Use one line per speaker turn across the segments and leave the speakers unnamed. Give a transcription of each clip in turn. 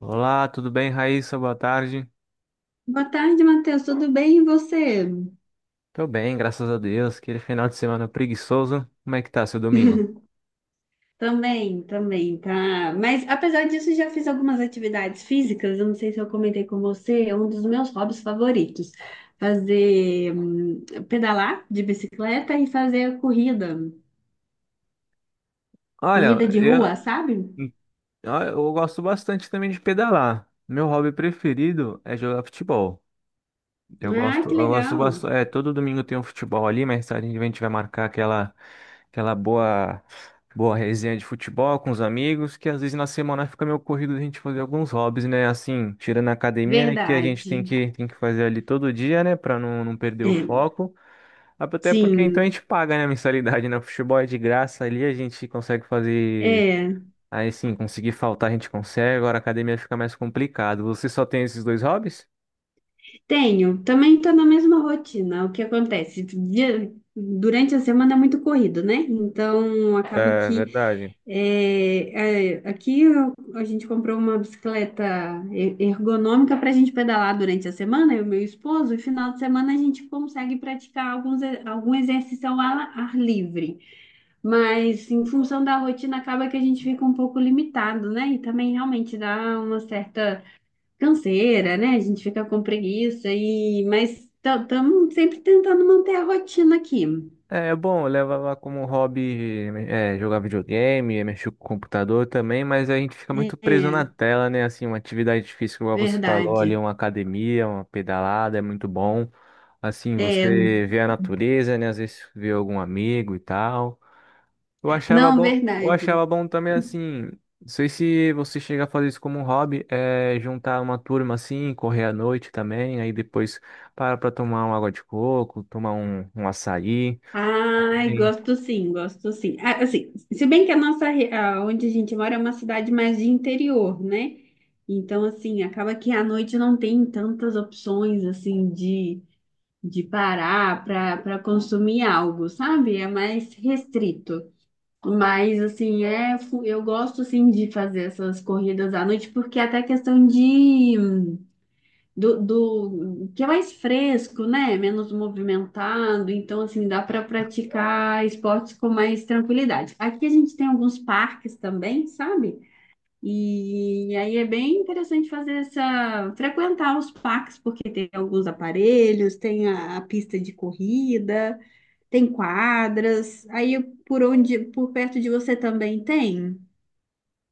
Olá, tudo bem, Raíssa? Boa tarde.
Boa tarde, Matheus. Tudo bem? E você?
Tô bem, graças a Deus. Aquele final de semana preguiçoso. Como é que tá seu domingo?
Também, também, tá. Mas apesar disso, já fiz algumas atividades físicas. Eu não sei se eu comentei com você, é um dos meus hobbies favoritos. Fazer pedalar de bicicleta e fazer corrida
Olha,
de
eu,
rua, sabe?
eu gosto bastante também de pedalar. Meu hobby preferido é jogar futebol. Eu
Ah,
gosto,
que
eu gosto
legal.
bastante. É, todo domingo tem um futebol ali, mas a gente vai marcar aquela boa, boa resenha de futebol com os amigos, que às vezes na semana fica meio corrido a gente fazer alguns hobbies, né? Assim, tirando a academia, né? Que a gente
Verdade.
tem que fazer ali todo dia, né? Pra não perder o
É,
foco. Até porque então a
sim.
gente paga, né? A mensalidade, né? O futebol é de graça ali, a gente consegue fazer.
É.
Aí sim, conseguir faltar a gente consegue, agora a academia fica mais complicado. Você só tem esses dois hobbies?
Tenho, também estou na mesma rotina. O que acontece? Durante a semana é muito corrido, né? Então acaba
É
que
verdade.
a gente comprou uma bicicleta ergonômica para a gente pedalar durante a semana, eu e meu esposo, e final de semana a gente consegue praticar algum exercício ao ar livre. Mas em função da rotina acaba que a gente fica um pouco limitado, né? E também realmente dá uma certa canseira, né? A gente fica com preguiça e mas estamos sempre tentando manter a rotina aqui.
É é bom, eu levava como hobby é, jogar videogame, mexer com o computador também, mas a gente fica muito preso na
É,
tela, né? Assim, uma atividade difícil igual você falou, ali
verdade.
uma academia, uma pedalada, é muito bom. Assim,
É,
você vê a natureza, né? Às vezes vê algum amigo e tal. Eu achava
não,
bom, eu
verdade.
achava bom também, assim, não sei se você chega a fazer isso como um hobby, é juntar uma turma assim, correr à noite também, aí depois para pra tomar uma água de coco, tomar um, um açaí.
Ai, gosto sim, gosto sim. Ah, assim, se bem que a nossa, re- a- onde a gente mora é uma cidade mais de interior, né? Então, assim, acaba que à noite não tem tantas opções, assim, de parar para consumir algo, sabe? É mais restrito. Mas assim, eu gosto assim de fazer essas corridas à noite, porque é até questão do que é mais fresco, né? Menos movimentado, então assim dá para praticar esportes com mais tranquilidade. Aqui a gente tem alguns parques também, sabe? E aí é bem interessante fazer essa, frequentar os parques, porque tem alguns aparelhos, tem a pista de corrida. Tem quadras. Aí por perto de você também tem?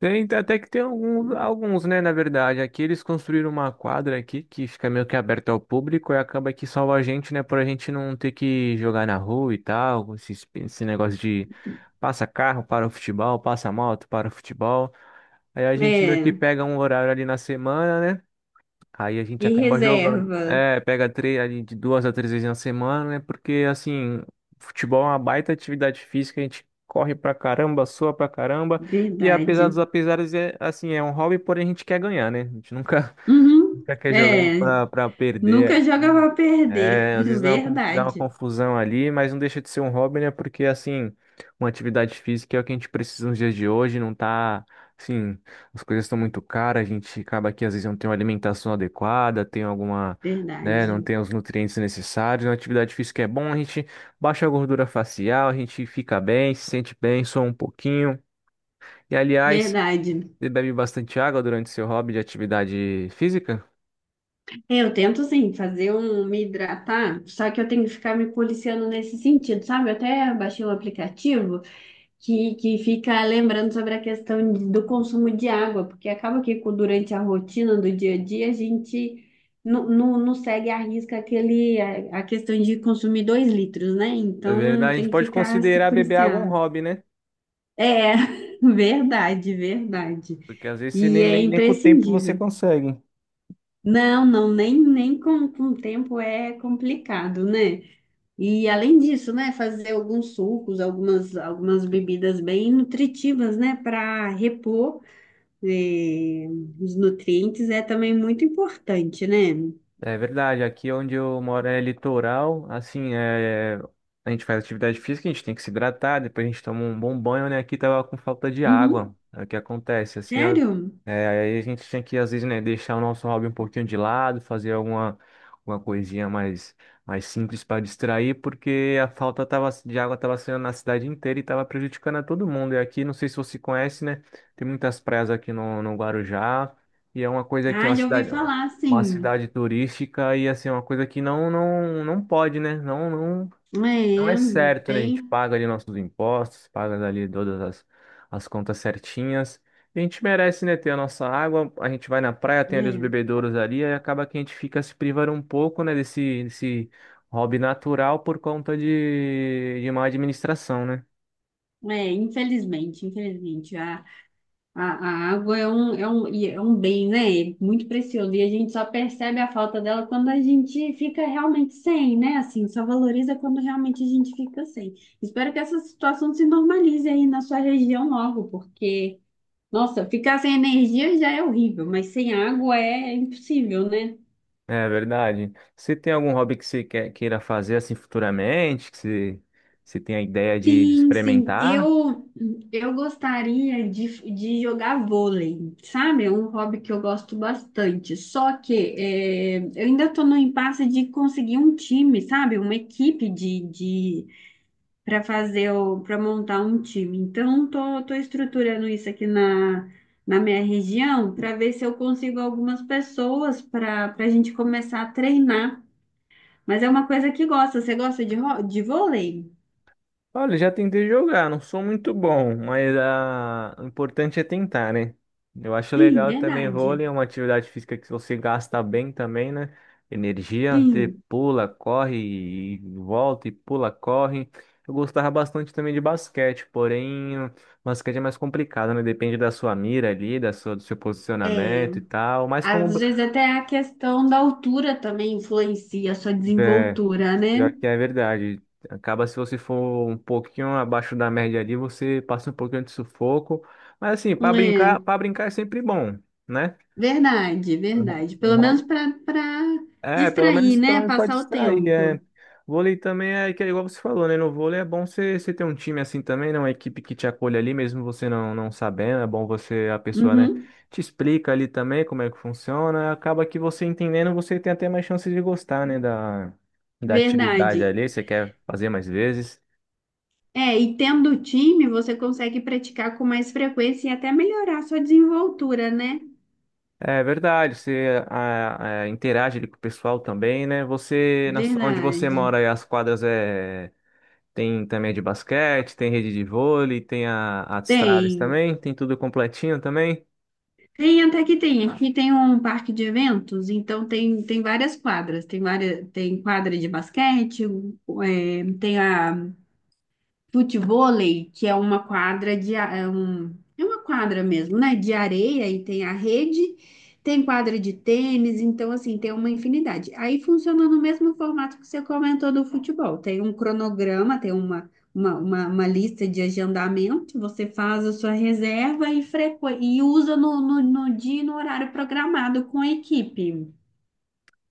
Tem, até que tem alguns, alguns, né, na verdade. Aqui eles construíram uma quadra aqui que fica meio que aberta ao público e acaba que salva a gente, né, por a gente não ter que jogar na rua e tal, esse negócio de passa carro para o futebol, passa moto para o futebol. Aí a gente meio que
É.
pega um horário ali na semana, né? Aí a gente
E
acaba jogando.
reserva.
É, pega três, ali de duas a três vezes na semana, né? Porque, assim, futebol é uma baita atividade física, a gente corre pra caramba, sua pra caramba. E apesar
Verdade.
dos apesares, é, assim, é um hobby, porém a gente quer ganhar, né? A gente nunca,
Uhum.
nunca quer jogar
É.
pra perder
Nunca joga
ali.
pra perder.
É, às vezes dá uma, dá uma
Verdade.
confusão ali, mas não deixa de ser um hobby, né? Porque, assim, uma atividade física é o que a gente precisa nos dias de hoje, não tá, assim, as coisas estão muito caras, a gente acaba que às vezes não tem uma alimentação adequada, tem alguma, né, não
Verdade.
tem os nutrientes necessários. Uma atividade física é bom, a gente baixa a gordura facial, a gente fica bem, se sente bem, só um pouquinho. E, aliás,
Verdade.
você bebe bastante água durante seu hobby de atividade física?
É, eu tento, assim, fazer um me hidratar, só que eu tenho que ficar me policiando nesse sentido, sabe? Eu até baixei um aplicativo que fica lembrando sobre a questão do consumo de água, porque acaba que durante a rotina do dia a dia a gente não segue à risca aquele, a questão de consumir dois litros, né?
É
Então
verdade, a gente
tem que
pode
ficar se
considerar beber água um
policiar.
hobby, né?
É, verdade, verdade.
Porque às vezes você
E
nem,
é
nem, nem com o tempo você
imprescindível.
consegue.
Não, não, nem com o tempo é complicado, né? E além disso, né, fazer alguns sucos, algumas bebidas bem nutritivas, né, para repor, eh, os nutrientes é também muito importante, né?
É verdade, aqui onde eu moro é litoral, assim, a gente faz atividade física, a gente tem que se hidratar, depois a gente toma um bom banho, né? Aqui tava com falta de água,
Uhum.
é o que acontece, assim, ó,
Sério?
é, aí a gente tinha que, às vezes, né, deixar o nosso hobby um pouquinho de lado, fazer alguma, alguma coisinha mais, mais simples para distrair, porque a falta tava, de água estava sendo na cidade inteira e estava prejudicando a todo mundo. E aqui, não sei se você conhece, né, tem muitas praias aqui no, no Guarujá, e é uma coisa que é
Ah, já ouvi falar
uma
sim.
cidade turística e assim, uma coisa que não não pode, né? Não não
É,
é certo, né? A gente
tem.
paga ali nossos impostos, paga ali todas as, as contas certinhas. E a gente merece, né, ter a nossa água, a gente vai na praia, tem ali os
É,
bebedouros ali, aí acaba que a gente fica se privando um pouco, né, desse, desse hobby natural por conta de má administração, né?
infelizmente, infelizmente. A, a água é um, e é um bem, né? É muito precioso. E a gente só percebe a falta dela quando a gente fica realmente sem, né? Assim, só valoriza quando realmente a gente fica sem. Espero que essa situação se normalize aí na sua região logo, porque, nossa, ficar sem energia já é horrível, mas sem água é impossível, né?
É verdade. Você tem algum hobby que você queira fazer assim futuramente, que você, você tem a ideia de
Sim, sim.
experimentar?
Eu gostaria de jogar vôlei, sabe? É um hobby que eu gosto bastante. Só que é, eu ainda estou no impasse de conseguir um time, sabe? Uma equipe de para fazer o para montar um time. Então, tô estruturando isso aqui na minha região para ver se eu consigo algumas pessoas para a gente começar a treinar. Mas é uma coisa que gosta. Você gosta de vôlei?
Olha, já tentei jogar, não sou muito bom, mas ah, o importante é tentar, né? Eu acho
Sim,
legal também
verdade.
vôlei, é uma atividade física que você gasta bem também, né? Energia, você
Sim.
pula, corre e volta e pula, corre. Eu gostava bastante também de basquete, porém, o basquete é mais complicado, né? Depende da sua mira ali, da sua, do seu
É,
posicionamento e tal. Mas como,
às vezes até a questão da altura também influencia a sua
é,
desenvoltura, né?
pior que é verdade. Acaba se você for um pouquinho abaixo da média ali, você passa um pouquinho de sufoco. Mas assim, para
É,
brincar, para brincar é sempre bom, né?
verdade,
Um, ho-
verdade.
um
Pelo menos
ho-
para
É, pelo
distrair,
menos, pelo
né?
menos pra
Passar o
distrair, é.
tempo.
Vôlei também é que é igual você falou, né? No vôlei é bom você ter um time assim também, né? Uma equipe que te acolhe ali, mesmo você não sabendo. É bom você, a pessoa, né,
Uhum,
te explica ali também como é que funciona. Acaba que você entendendo, você tem até mais chances de gostar, né? Da, da atividade
verdade.
ali, você quer fazer mais vezes.
É, e tendo time, você consegue praticar com mais frequência e até melhorar a sua desenvoltura, né?
É verdade, você interage ali com o pessoal também, né? Você, onde você mora,
Verdade.
aí, as quadras é tem também a de basquete, tem rede de vôlei, tem a de estradas
Tem.
também, tem tudo completinho também.
Tem, até que tem. Aqui tem um parque de eventos, então tem várias quadras. Tem várias, tem quadra de basquete, é, tem a futevôlei, que é uma quadra de a- é, um, é uma quadra mesmo, né? De areia e tem a rede, tem quadra de tênis, então assim, tem uma infinidade. Aí funciona no mesmo formato que você comentou do futebol. Tem um cronograma, tem uma lista de agendamento, você faz a sua reserva e, e usa no dia e no horário programado com a equipe.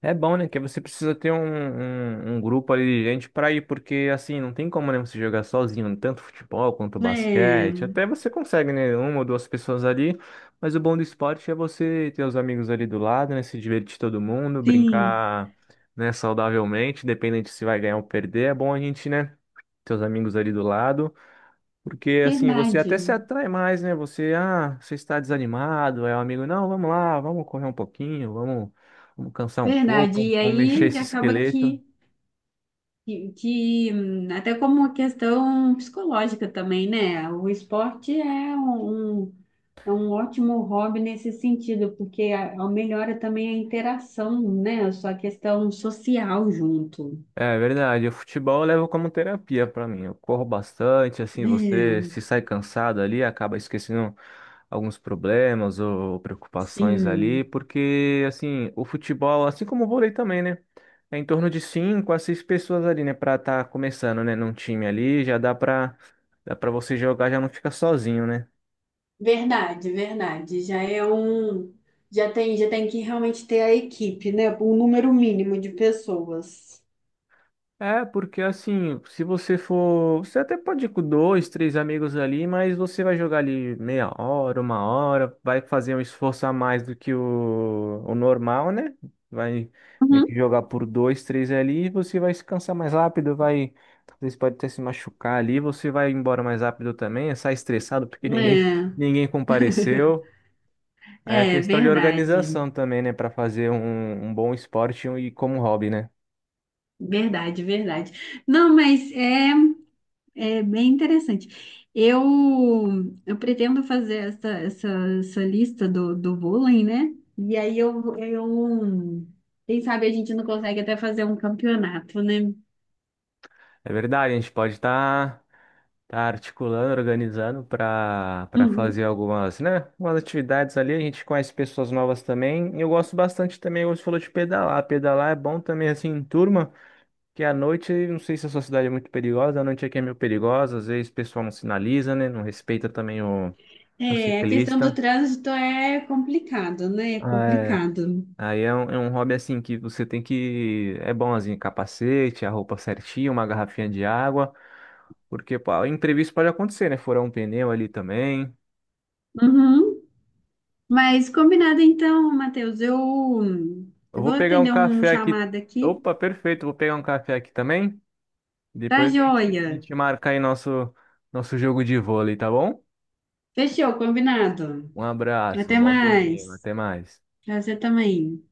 É bom, né? Que você precisa ter um, um, um grupo ali de gente para ir, porque assim, não tem como né, você jogar sozinho, tanto futebol quanto
É,
basquete. Até você consegue, né? Uma ou duas pessoas ali, mas o bom do esporte é você ter os amigos ali do lado, né? Se divertir todo mundo,
sim,
brincar, né, saudavelmente, independente se vai ganhar ou perder. É bom a gente, né? Ter os amigos ali do lado. Porque assim, você até se
verdade,
atrai mais, né? Você, ah, você está desanimado, é o amigo, não, vamos lá, vamos correr um pouquinho, vamos, vamos cansar um
verdade.
pouco,
E
vamos mexer
aí
esse
acaba
esqueleto.
até como uma questão psicológica também, né? O esporte é um, um- é um ótimo hobby nesse sentido, porque melhora também a interação, né? A sua questão social junto.
É verdade, o futebol eu levo como terapia pra mim. Eu corro bastante, assim, você
É,
se sai cansado ali, acaba esquecendo alguns problemas ou preocupações ali,
sim,
porque assim, o futebol, assim como o vôlei também, né? É em torno de cinco a seis pessoas ali, né, pra estar começando, né, num time ali, já dá pra dá para você jogar, já não fica sozinho, né?
verdade, verdade. Já tem que realmente ter a equipe, né? Um número mínimo de pessoas.
É, porque assim, se você for. Você até pode ir com dois, três amigos ali, mas você vai jogar ali meia hora, uma hora, vai fazer um esforço a mais do que o normal, né? Vai meio
Uhum.
que jogar por dois, três ali, e você vai se cansar mais rápido, vai. Talvez pode até se machucar ali, você vai embora mais rápido também, sai estressado porque ninguém,
É,
ninguém compareceu. Aí a questão de
verdade,
organização também, né? Pra fazer um, um bom esporte e como hobby, né?
verdade, verdade. Não, mas é. É bem interessante. Eu, eu pretendo fazer essa, essa, essa lista do vôlei, né? E aí quem sabe a gente não consegue até fazer um campeonato, né?
É verdade, a gente pode estar tá articulando, organizando para fazer
Uhum.
algumas, né, umas atividades ali. A gente conhece pessoas novas também. E eu gosto bastante também, você falou de pedalar. Pedalar é bom também assim em turma, que à noite, não sei se a sua cidade é muito perigosa, a noite aqui é meio perigosa, às vezes o pessoal não sinaliza, né, não respeita também o
É, a questão do
ciclista.
trânsito é complicado, né? É
É,
complicado.
aí é um hobby assim que você tem que. É bom assim, capacete, a roupa certinha, uma garrafinha de água. Porque, pô, imprevisto pode acontecer, né? Furar um pneu ali também.
Uhum. Mas combinado então, Matheus. Eu,
Eu
eu vou
vou pegar um
atender um
café aqui.
chamado aqui.
Opa, perfeito. Vou pegar um café aqui também.
Tá
Depois a
joia.
gente marca aí nosso, nosso jogo de vôlei, tá bom?
Fechou, combinado.
Um abraço, um
Até
bom domingo.
mais.
Até mais.
Pra você também.